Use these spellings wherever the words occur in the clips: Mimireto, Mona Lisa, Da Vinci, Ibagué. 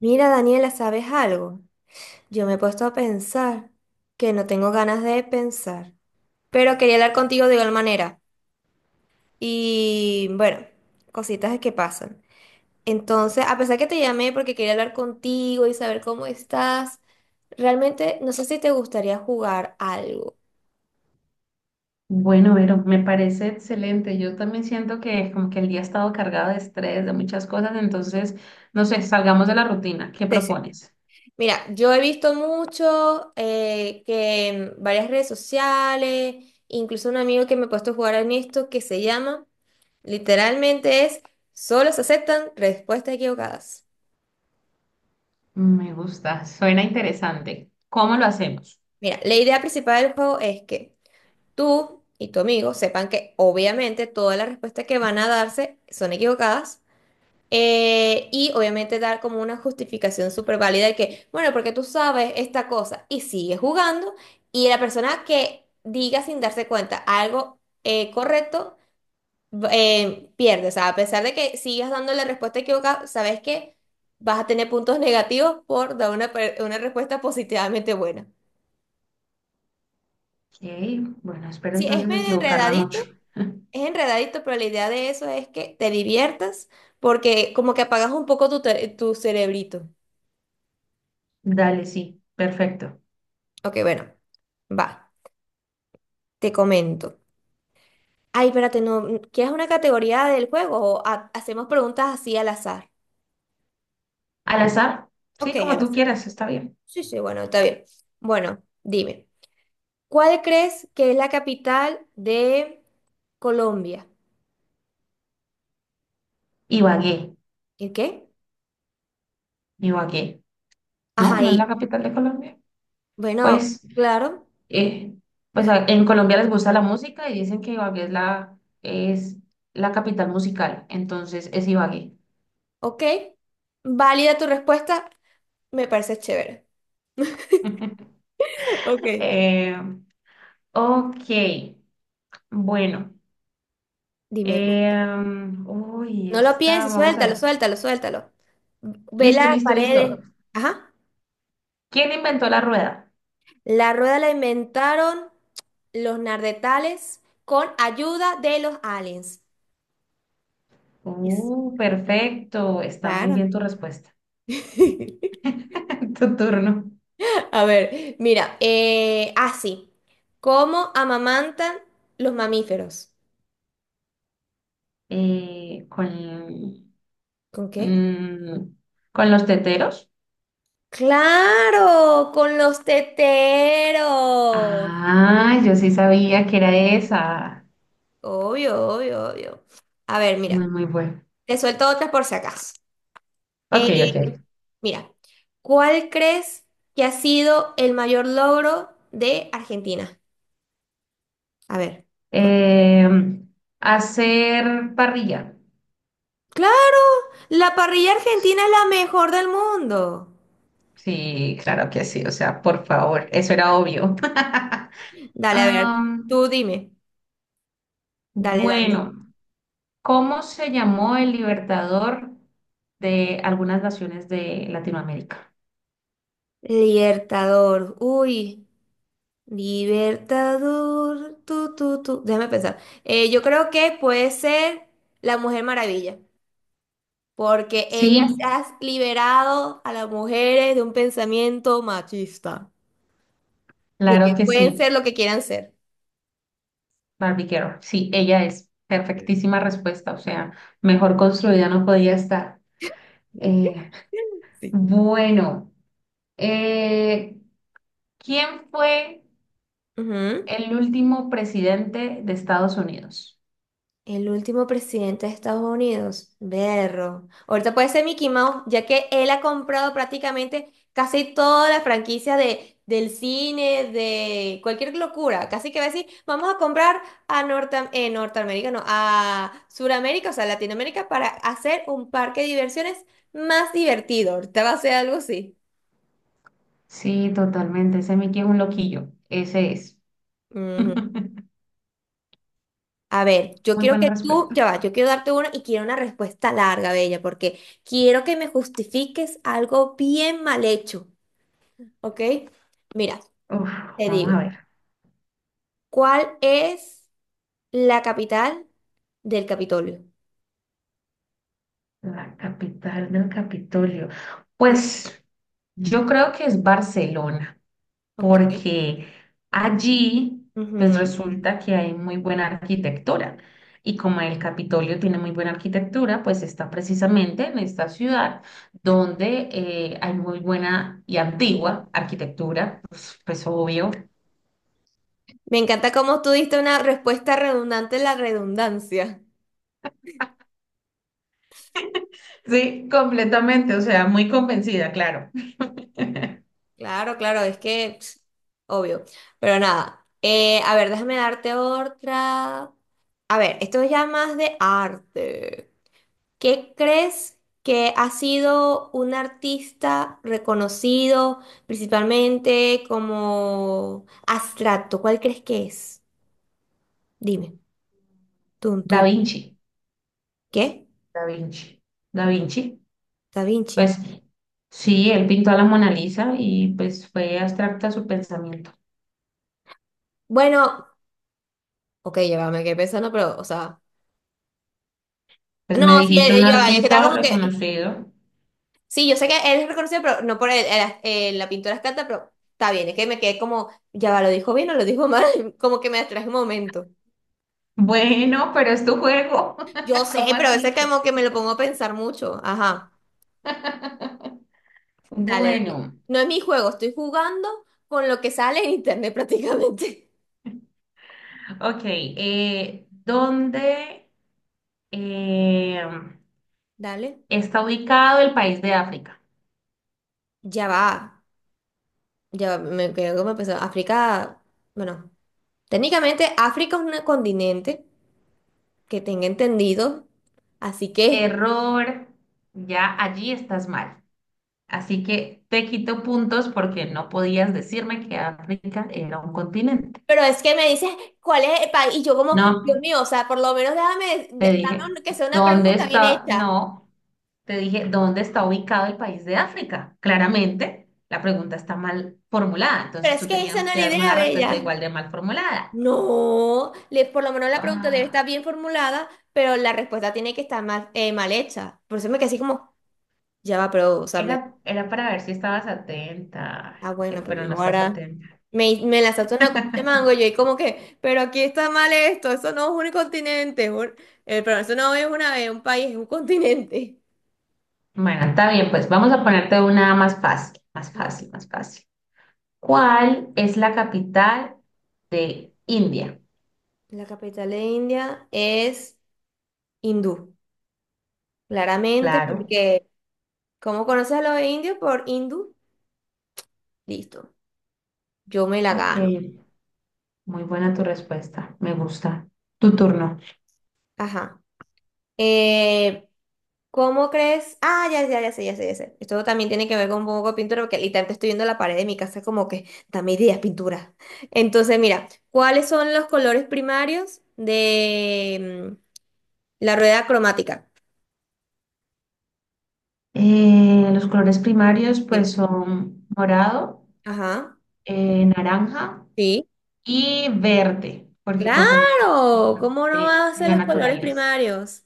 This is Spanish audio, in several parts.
Mira, Daniela, ¿sabes algo? Yo me he puesto a pensar que no tengo ganas de pensar, pero quería hablar contigo de igual manera. Y bueno, cositas que pasan. Entonces, a pesar que te llamé porque quería hablar contigo y saber cómo estás, realmente no sé si te gustaría jugar algo. Bueno, Vero, me parece excelente. Yo también siento que como que el día ha estado cargado de estrés, de muchas cosas, entonces, no sé, salgamos de la rutina. ¿Qué Sí, sí. propones? Mira, yo he visto mucho que en varias redes sociales, incluso un amigo que me ha puesto a jugar en esto que se llama. Literalmente es, solo se aceptan respuestas equivocadas. Me gusta, suena interesante. ¿Cómo lo hacemos? Mira, la idea principal del juego es que tú y tu amigo sepan que obviamente todas las respuestas que van a darse son equivocadas. Y obviamente dar como una justificación súper válida de que, bueno, porque tú sabes esta cosa y sigues jugando y la persona que diga sin darse cuenta algo correcto pierdes. O sea, a pesar de que sigas dando la respuesta equivocada, sabes que vas a tener puntos negativos por dar una respuesta positivamente buena. Ok, bueno, espero Sí, es entonces medio equivocarme enredadito, mucho. es enredadito, pero la idea de eso es que te diviertas porque como que apagas un poco tu cerebrito. Dale, sí, perfecto. Ok, bueno, va, te comento. Ay, espérate, no, ¿quieres una categoría del juego o hacemos preguntas así al azar? Al azar, Ok, sí, como al tú azar. quieras, está bien. Sí, sí, bueno, está bien. Bueno, dime. ¿Cuál crees que es la capital de Colombia? Ibagué, ¿El qué? Ibagué, ¿no? Ajá, ¿No es la y capital de Colombia? bueno, Pues claro, eh, pues en Colombia les gusta la música y dicen que Ibagué es la capital musical, entonces es Ibagué. ok. Válida tu respuesta, me parece chévere. Ok. Eh, ok, bueno. Dime, Uy, no lo está, pienses, vamos a suéltalo, ver. suéltalo, suéltalo. Ve las Listo, listo, listo. paredes. Ajá. ¿Quién inventó la rueda? La rueda la inventaron los nardetales con ayuda de los aliens. Es Perfecto, está muy raro. bien tu respuesta. Tu turno. A ver, mira, sí. ¿Cómo amamantan los mamíferos? Con, ¿Con qué? mm, con los teteros. ¡Claro! Con los teteros. Ah, yo sí sabía que era esa. Obvio, obvio, obvio. A ver, mira, Muy, muy bueno. te suelto otras por si acaso. Ok, Eh, ok. mira, ¿cuál crees que ha sido el mayor logro de Argentina? A ver. cu- Em, Hacer parrilla. Claro, la parrilla argentina es la mejor del mundo. Sí, claro que sí. O sea, por favor, eso era obvio. Dale, a ver, Am, tú dime. Dale, dale. bueno, ¿cómo se llamó el libertador de algunas naciones de Latinoamérica? Libertador, uy, Libertador, tú. Déjame pensar. Yo creo que puede ser la Mujer Maravilla, porque Sí, ella se ha liberado a las mujeres de un pensamiento machista, de claro que que pueden sí. ser lo que quieran ser. Barbie Girl. Sí, ella es. Perfectísima respuesta. O sea, mejor construida no podía estar. Eh, Sí. Bueno, eh, ¿Quién fue Ujú. el último presidente de Estados Unidos? El último presidente de Estados Unidos, berro. Ahorita puede ser Mickey Mouse, ya que él ha comprado prácticamente casi toda la franquicia del cine, de cualquier locura. Casi que va a decir, vamos a comprar a Norte, Norteamérica, no, a Suramérica, o sea, Latinoamérica, para hacer un parque de diversiones más divertido. Ahorita va a ser algo así. Sí, totalmente. Ese Mickey es un loquillo. Ese es. A ver, yo Muy quiero buena que tú, ya respuesta. va, yo quiero darte una y quiero una respuesta larga, Bella, porque quiero que me justifiques algo bien mal hecho, ¿ok? Mira, Uf, te vamos a digo, ver. ¿cuál es la capital del Capitolio? La capital del Capitolio. Sí. Pues yo creo que es Barcelona, Ok. porque allí pues Ujú. resulta que hay muy buena arquitectura. Y como el Capitolio tiene muy buena arquitectura, pues está precisamente en esta ciudad donde hay muy buena y antigua arquitectura, pues, pues obvio. Me encanta cómo tú diste una respuesta redundante en la redundancia. Sí, completamente, o sea, muy convencida, claro. Claro, claro, es que, pss, obvio. Pero nada, a ver, déjame darte otra. A ver, esto es ya más de arte. ¿Qué crees que ha sido un artista reconocido principalmente como abstracto? ¿Cuál crees que es? Dime. Tun, Da tun. Vinci, ¿Qué? Da Vinci, Da Vinci. Da Vinci. Pues sí, él pintó a la Mona Lisa y pues fue abstracta su pensamiento. Bueno, ok, ya va, me quedé pensando, pero, o sea. Pues me No, sí, dijiste un ya va, es que está artista como que. reconocido. Sí, yo sé que él es reconocido, pero no por la pintura abstracta, pero está bien, es que me quedé como, ya va, ¿lo dijo bien o lo dijo mal? Como que me distraje un momento. Bueno, pero es tu juego. Yo sé, ¿Cómo pero a así? veces ¿Qué como que me pasó? lo pongo a pensar mucho. Ajá. Dale, dale. Bueno, No es mi juego, estoy jugando con lo que sale en internet prácticamente. ok. ¿Dónde eh, Dale. está ubicado el país de África? Ya va. Ya va, me quedo como empezó. África, bueno, técnicamente África es un continente que tenga entendido. Así que, Error, ya allí estás mal. Así que te quito puntos porque no podías decirme que África era un continente. pero es que me dices cuál es el país y yo como, Dios No, mío, o sea, por lo menos déjame, te dije, dame que sea una ¿dónde pregunta bien está? hecha. No, te dije, ¿dónde está ubicado el país de África? Claramente, la pregunta está mal formulada, Pero entonces es tú que esa tenías no es que la darme idea, una respuesta bella. igual de mal formulada. No, por lo menos la pregunta debe estar Ah, bien formulada, pero la respuesta tiene que estar mal, mal hecha. Por eso me quedé así como, ya va, pero, o sea, era, era para ver si estabas atenta, ah, que- bueno, pues pero no no, estás ahora atenta. Me lanzaste una cosa de mango y yo, y como que, pero aquí está mal esto, eso no es un continente, pero eso no es una, es un país, es un continente. Bueno, está bien, pues vamos a ponerte una más fácil, más Ajá. fácil, más fácil. ¿Cuál es la capital de India? La capital de India es hindú, claramente, Claro. porque, ¿cómo conoces a los indios? Por hindú, listo, yo me la Ok, gano. muy buena tu respuesta, me gusta. Tu turno. Ajá. Eh, ¿Cómo crees? Ah, ya, ya, ya sé, ya sé, ya sé. Esto también tiene que ver con un poco de pintura, porque literalmente estoy viendo la pared de mi casa como que, dame ideas, pintura. Entonces, mira, ¿cuáles son los colores primarios de la rueda cromática? Los colores primarios Sí. pues son morado, Ajá. Naranja Sí. y verde, porque pues son los que Claro. más se ¿Cómo no ven vas a en ser la los colores naturaleza. primarios?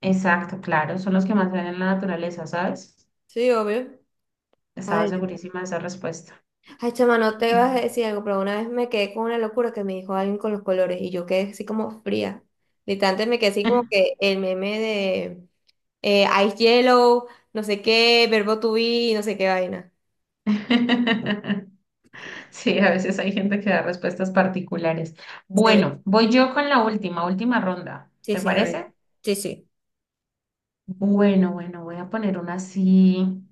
Exacto, claro, son los que más se ven en la naturaleza, ¿sabes? Sí, obvio. Estaba segurísima de esa respuesta. Ay, chama, no te vas a Sí, decir algo, pero una vez me quedé con una locura que me dijo alguien con los colores y yo quedé así como fría. Literalmente me quedé así como que el meme de Ice Yellow, no sé qué, verbo to be, no sé qué vaina. sí, a veces hay gente que da respuestas particulares. Sí, Bueno, voy yo con la última, última ronda, sí, ¿te sí, a ver. parece? Sí, sí. Bueno, bueno, voy a poner una así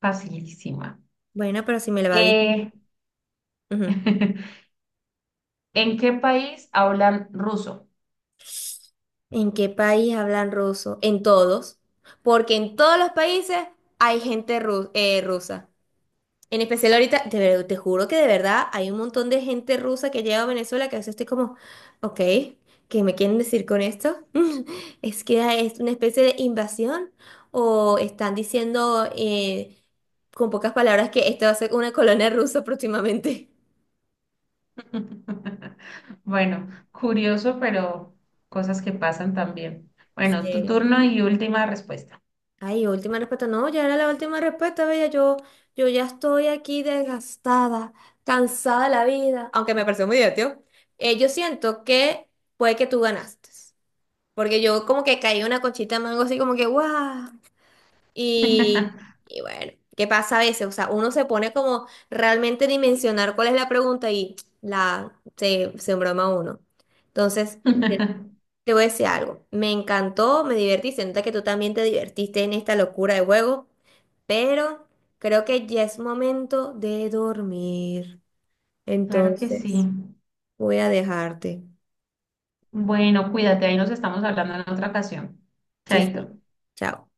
facilísima. Bueno, pero si me la di. Eh, Ujú. ¿En qué país hablan ruso? ¿En qué país hablan ruso? En todos. Porque en todos los países hay gente rusa. En especial ahorita, te juro que de verdad hay un montón de gente rusa que llega a Venezuela que a veces estoy como, ok, ¿qué me quieren decir con esto? ¿Es que es una especie de invasión? ¿O están diciendo con pocas palabras que esto va a ser una colonia rusa próximamente? Bueno, curioso, pero cosas que pasan también. Bueno, tu Sí. turno y última respuesta. Ay, última respuesta. No, ya era la última respuesta, bella. Yo ya estoy aquí desgastada, cansada de la vida. Aunque me pareció muy divertido. Yo siento que puede que tú ganaste. Porque yo como que caí una cochita de mango así como que ¡guau! Y, y bueno, ¿qué pasa a veces? O sea, uno se pone como realmente a dimensionar cuál es la pregunta y se embroma uno. Entonces, te, te voy a decir algo. Me encantó, me divertí. Se nota que tú también te divertiste en esta locura de juego, pero creo que ya es momento de dormir. Claro que sí. Entonces, voy a dejarte. Bueno, cuídate, ahí nos estamos hablando en otra ocasión. Sí, Chaito. sí. Chao.